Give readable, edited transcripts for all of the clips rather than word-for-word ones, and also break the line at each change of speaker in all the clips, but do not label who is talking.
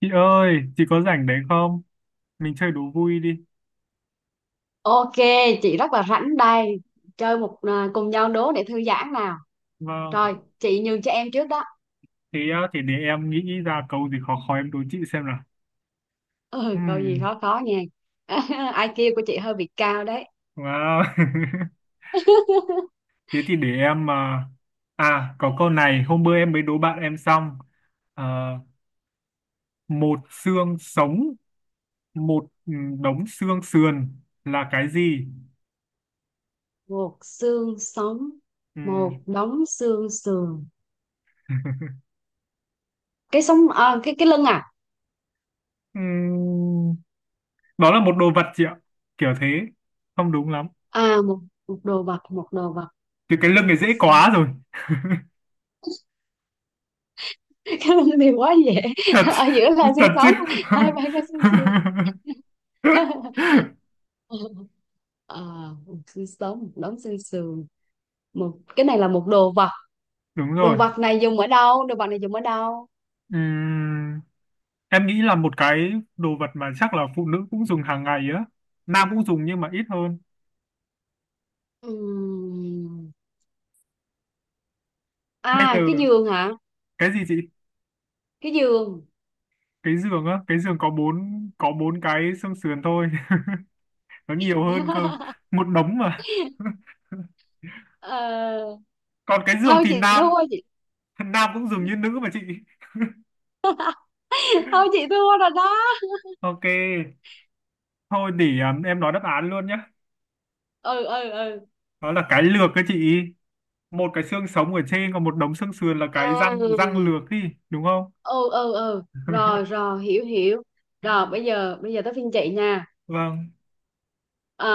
Chị ơi, chị có rảnh đấy không? Mình chơi đố vui đi.
Ok, chị rất là rảnh đây. Chơi cùng nhau đố để thư giãn nào.
Vâng.
Rồi, chị nhường cho em trước đó.
Thế á, thì để em nghĩ ra câu gì khó khó em đố chị xem nào.
Ừ, câu gì
Ừm,
khó khó nha. Ai IQ của chị hơi bị cao đấy.
wow. Thế thì để em có câu này hôm bữa em mới đố bạn em xong. À, một xương sống, một ừ, đống xương sườn là cái gì?
Một xương sống,
Ừm.
một đống xương sườn. Cái sống à, cái lưng à?
Ừm, Đó là một đồ vật chị ạ. Kiểu thế. Không đúng lắm.
À một một đồ vật, một đồ vật.
Thì cái lưng này dễ quá rồi.
Cái lưng thì quá dễ.
Thật
Ở giữa là xương
Thật chứ?
sống, hai bên là xương sườn. Ờ, một xương sống, một đống xương sườn. Một cái này là một đồ vật.
Đúng
Đồ
rồi.
vật này dùng ở đâu Đồ vật này dùng ở đâu?
Ừm, em nghĩ là một cái đồ vật mà chắc là phụ nữ cũng dùng hàng ngày á, nam cũng dùng nhưng mà ít hơn.
Ừm.
Bây giờ
À, cái giường hả?
cái gì chị?
Cái giường.
Cái giường á? Cái giường có bốn cái xương sườn thôi. Nó nhiều hơn cơ, một đống mà.
Ờ,
Còn cái giường
thôi
thì
chị
nam,
thua chị.
nam cũng dùng như nữ mà chị.
Thôi chị thua rồi đó.
Ok, thôi để em nói đáp án luôn nhé.
Ừ, ừ, ừ.
Đó là cái lược cái chị. Một cái xương sống ở trên còn một đống xương sườn là
À,
cái răng, răng
ừ,
lược đi, đúng không?
ừ, ừ, rồi, rồi, hiểu, hiểu. Rồi bây giờ tới phiên chị nha.
Vâng.
Ờ,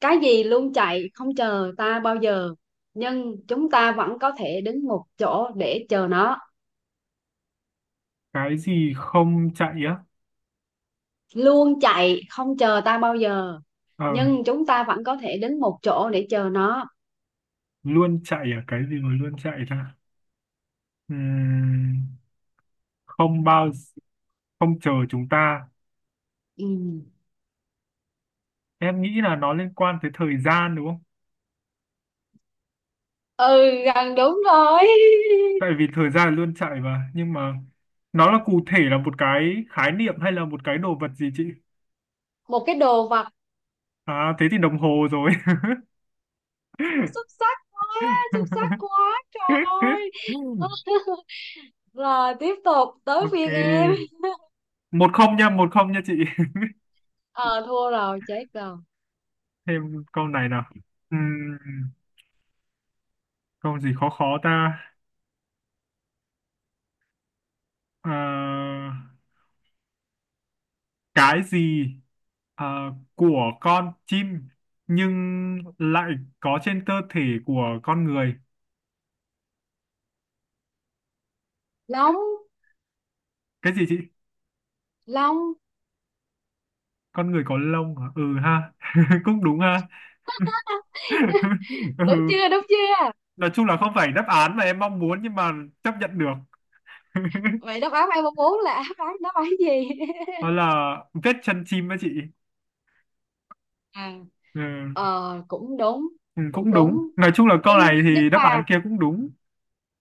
cái gì luôn chạy không chờ ta bao giờ, nhưng chúng ta vẫn có thể đứng một chỗ để chờ nó?
Cái gì không chạy á?
Luôn chạy không chờ ta bao giờ,
Ờ,
nhưng chúng ta vẫn có thể đến một chỗ để chờ nó.
luôn chạy à? Cái gì mà luôn chạy ta? Ừm, không bao gi- Không chờ chúng ta.
Ừ,
Em nghĩ là nó liên quan tới thời gian đúng không?
ừ, gần đúng rồi.
Tại vì thời gian là luôn chạy mà, nhưng mà nó là cụ thể là một cái khái niệm hay là một cái đồ vật gì chị?
Một cái đồ vật.
À thế thì đồng hồ rồi.
Xuất sắc quá. Xuất sắc quá trời ơi. Rồi tiếp tục tới
Ok,
phiên em.
1-0 nha, một không nha chị.
Ờ, thua rồi, chết rồi.
Thêm câu này nào. Ừm, Câu gì khó khó ta? Ờ, cái gì ờ, của con chim nhưng lại có trên cơ thể của con người?
Long.
Cái gì chị?
Long.
Con người có lông hả? Ừ ha. Cũng đúng ha.
Đúng
Ừ,
chưa, đúng chưa?
nói chung là không phải đáp án mà em mong muốn nhưng mà chấp nhận được.
Vậy đáp án em mong muốn là đáp án gì?
Đó là vết chân chim đó chị.
À,
Ừ.
ờ cũng đúng.
Ừ,
Cũng
cũng
đúng.
đúng, nói chung là câu
nhưng
này
nhưng
thì đáp
mà
án kia cũng đúng.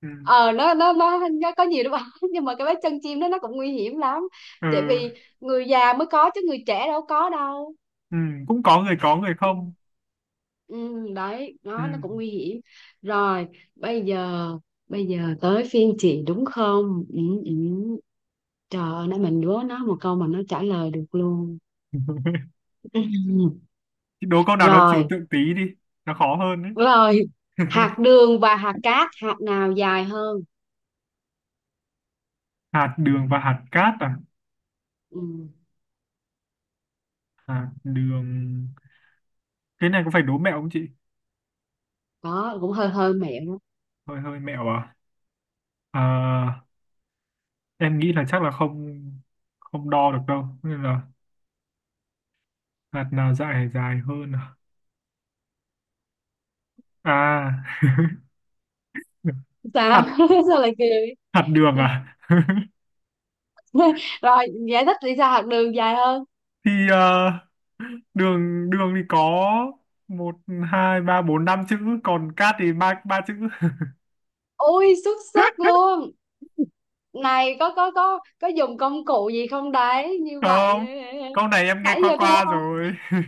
Ừ.
ờ, nó có nhiều đúng không? Nhưng mà cái vết chân chim đó nó cũng nguy hiểm lắm.
Ừ.
Tại vì người già mới có chứ người trẻ đâu có đâu.
Ừ, cũng có người
Ừ,
không.
ừ. Đấy,
Ừ.
nó cũng nguy hiểm. Rồi bây giờ bây giờ tới phiên chị đúng không? Ừ, ừ. Trời ơi, nãy mình đố nó một câu mà nó trả lời được luôn. Ừ.
Đố câu nào nó trừu
Rồi,
tượng tí đi, nó khó hơn đấy.
rồi. Hạt đường và hạt cát, hạt nào dài hơn?
Hạt đường và hạt cát à?
Ừ.
Hạt đường. Cái này có phải đố mẹo không chị?
Đó cũng hơi hơi mẹo.
Hơi hơi mẹo à? Ờ, em nghĩ là chắc là không, không đo được đâu nên là hạt nào dài dài hơn à? À.
Đó,
hạt
sao? Sao lại cười?
Hạt đường à?
Rồi, giải thích đi, sao học đường dài hơn?
Thì đường đường thì có một hai ba bốn năm chữ, còn cát thì ba ba chữ.
Ui, xuất sắc luôn. Này, có dùng công cụ gì không đấy như vậy?
Không, câu này em nghe
Nãy
qua
giờ thua
qua
không.
rồi.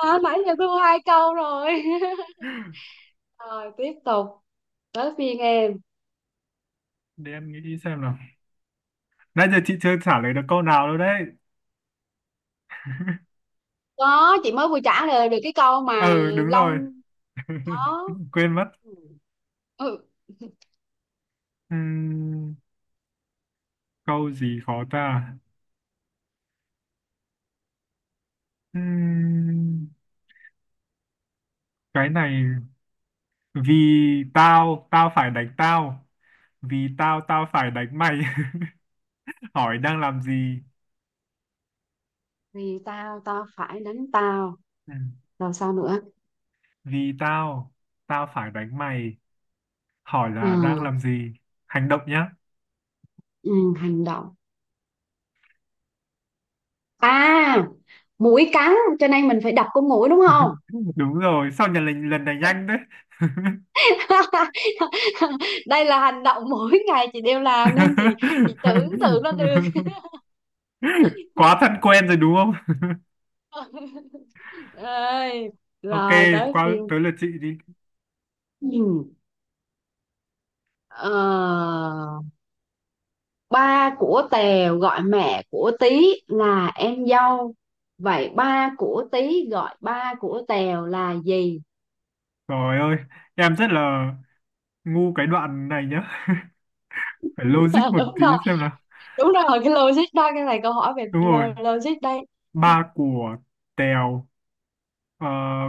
À, nãy giờ thua hai câu rồi. Rồi tiếp tục tới phiên em.
Để em nghĩ xem nào. Nãy giờ chị chưa trả lời được câu nào đâu đấy.
Có, chị mới vừa trả lời được cái câu mà.
Ừ đúng rồi.
Long. Có.
Quên mất.
Ừ. Ừ,
Ừm, Câu gì khó ta? Ừm, cái này, vì tao tao phải đánh tao, vì tao tao phải đánh mày. Hỏi đang làm gì?
vì tao, tao phải đánh tao.
Ừm,
Rồi sao nữa?
Vì tao tao phải đánh mày, hỏi là đang
À,
làm gì, hành động nhá.
ừ, hành động. À, mũi cắn, cho nên mình phải đập con mũi đúng không?
Đúng rồi, sao nhận lần lần này nhanh đấy.
Đây là hành động mỗi ngày chị đều làm nên chị. Chị tưởng tượng nó được.
Quá thân quen rồi đúng không?
Ơi,
Ok,
rồi tới
qua
phiên.
tới lượt chị đi.
Ừ. Ờ, ba của Tèo gọi mẹ của Tí là em dâu, vậy ba của Tí gọi ba của Tèo là gì?
Trời ơi, em rất là ngu cái đoạn này nhá, phải logic một
Đúng
tí
rồi,
xem nào.
đúng rồi, cái logic đó, cái này câu hỏi về
Đúng rồi.
logic đây.
Ba của Tèo ờ,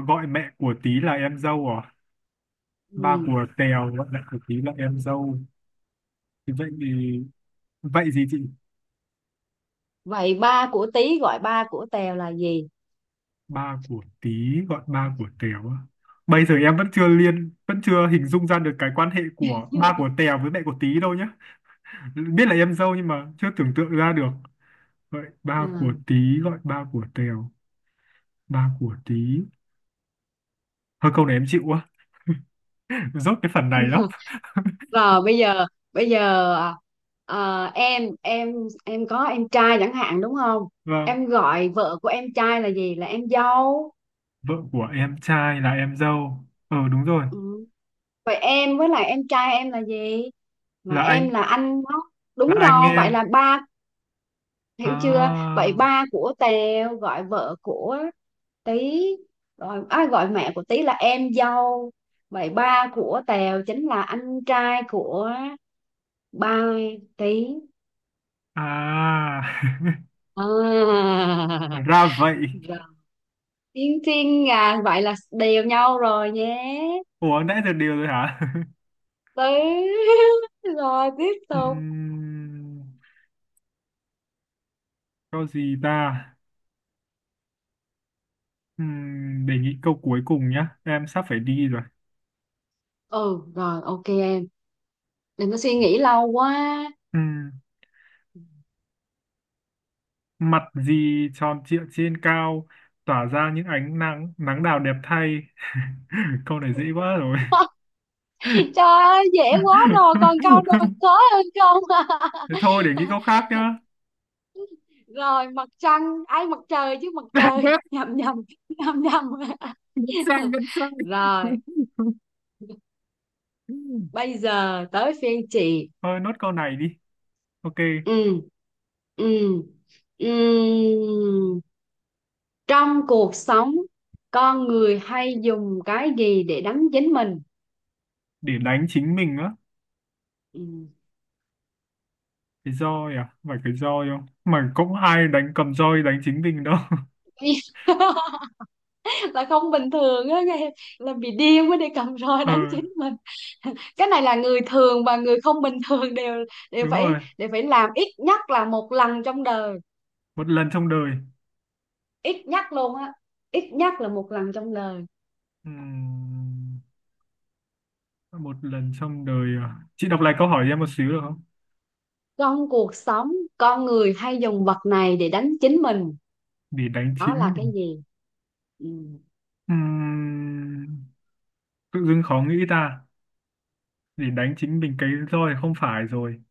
gọi mẹ của Tí là em dâu à? Ba
Ừ.
của Tèo gọi mẹ của Tí là em dâu thì vậy gì chị?
Vậy ba của Tý gọi ba của Tèo là gì?
Ba của Tí gọi ba của Tèo á. Bây giờ em vẫn chưa hình dung ra được cái quan hệ của ba của Tèo với mẹ của Tí đâu nhá, biết là em dâu nhưng mà chưa tưởng tượng ra được. Vậy
Ừ.
ba của Tí gọi ba của Tèo, ba của Tí, hơi câu này em chịu quá. Rốt cái phần này lắm.
Rồi bây giờ ờ, em có em trai chẳng hạn đúng không?
Vâng.
Em gọi vợ của em trai là gì? Là em dâu.
Vợ của em trai là em dâu, ờ đúng rồi.
Ừ. Vậy em với lại em trai em là gì? Là
là
em
anh
là anh đó.
là
Đúng
anh
rồi, vậy
em.
là ba hiểu chưa?
À.
Vậy ba của Tèo gọi vợ của Tí, rồi ai gọi mẹ của Tí là em dâu, vậy ba của Tèo chính là anh trai của ba Tí.
À.
À.
Ra vậy.
Rồi, Tiên Tiên à, vậy là đều nhau rồi nhé.
Ủa nãy giờ đều rồi hả?
Tí. Rồi tiếp tục.
Ừm, Câu gì ta? Để nghĩ câu cuối cùng nhá. Em sắp phải đi rồi.
Ừ, rồi ok em, đừng có suy nghĩ lâu quá.
Ừm, Mặt gì tròn trịa trên cao, tỏa ra những ánh nắng, nắng đào đẹp thay. Câu này dễ quá rồi.
Trời ơi, dễ quá rồi, còn câu nào khó hơn không?
Thế thôi, để nghĩ câu khác nhá.
Rồi, mặt trăng, ai, mặt trời chứ, mặt trời. Nhầm, nhầm. Nhầm, nhầm.
Vẫn sai, vẫn sai.
Rồi bây giờ tới phiên chị.
Thôi, nốt câu này đi. Ok,
Ừ, ừ, ừ. Trong cuộc sống, con người hay dùng cái gì để đánh chính mình?
để đánh chính mình á.
Ừ.
Cái roi à? Phải cái roi không? Mà cũng ai đánh cầm roi đánh chính mình đâu.
Là không bình thường á nghe. Là bị điên mới đi cầm roi
Ờ
đánh chính mình. Cái này là người thường và người không bình thường đều
đúng rồi,
đều phải làm ít nhất là một lần trong đời.
một lần trong đời.
Ít nhắc luôn á. Ít nhắc là một lần trong đời.
Ừm, Một lần trong đời à? Chị đọc lại câu hỏi cho em một xíu được không?
Trong cuộc sống, con người hay dùng vật này để đánh chính mình.
Để đánh
Đó là
chính
cái
mình.
gì? Ừ.
Ừm, Tự dưng khó nghĩ ta. Để đánh chính mình, cái roi thì không phải rồi,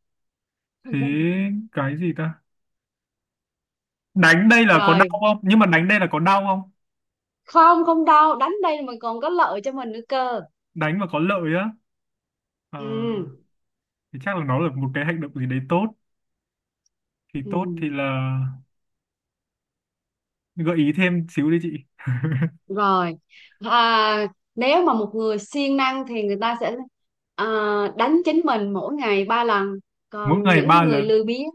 thế cái gì ta? Đánh đây là có
Rồi,
đau không, nhưng mà đánh đây là có đau không?
không, không đâu, đánh đây mà còn có lợi cho mình nữa cơ.
Đánh mà có lợi á? Ờ,
Ừ.
thì chắc là nó là một cái hành động gì đấy tốt, thì
Ừ.
tốt thì là, gợi ý thêm xíu đi chị.
Rồi, à, nếu mà một người siêng năng thì người ta sẽ, à, đánh chính mình mỗi ngày ba lần.
Mỗi
Còn
ngày
những
ba
người
lần.
lười biếng,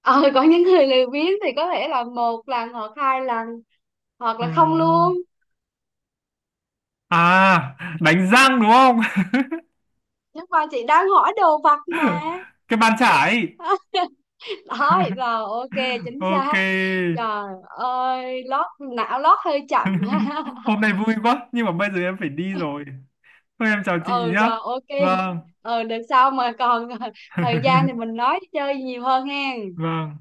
ờ, có những người lười biếng thì có thể là một lần hoặc hai lần. Hoặc
Ờ,
là không luôn.
à Đánh răng đúng không?
Nhưng mà chị đang hỏi đồ vật mà.
Cái bàn chải.
Thôi rồi, ok. Chính xác.
Ok.
Trời ơi, não lót hơi chậm.
Hôm nay vui quá nhưng mà bây giờ em phải đi rồi, thôi em chào chị
Ừ,
nhá.
rồi ok.
Vâng.
Ừ được sau mà còn thời gian thì mình nói chơi nhiều hơn hen.
Vâng.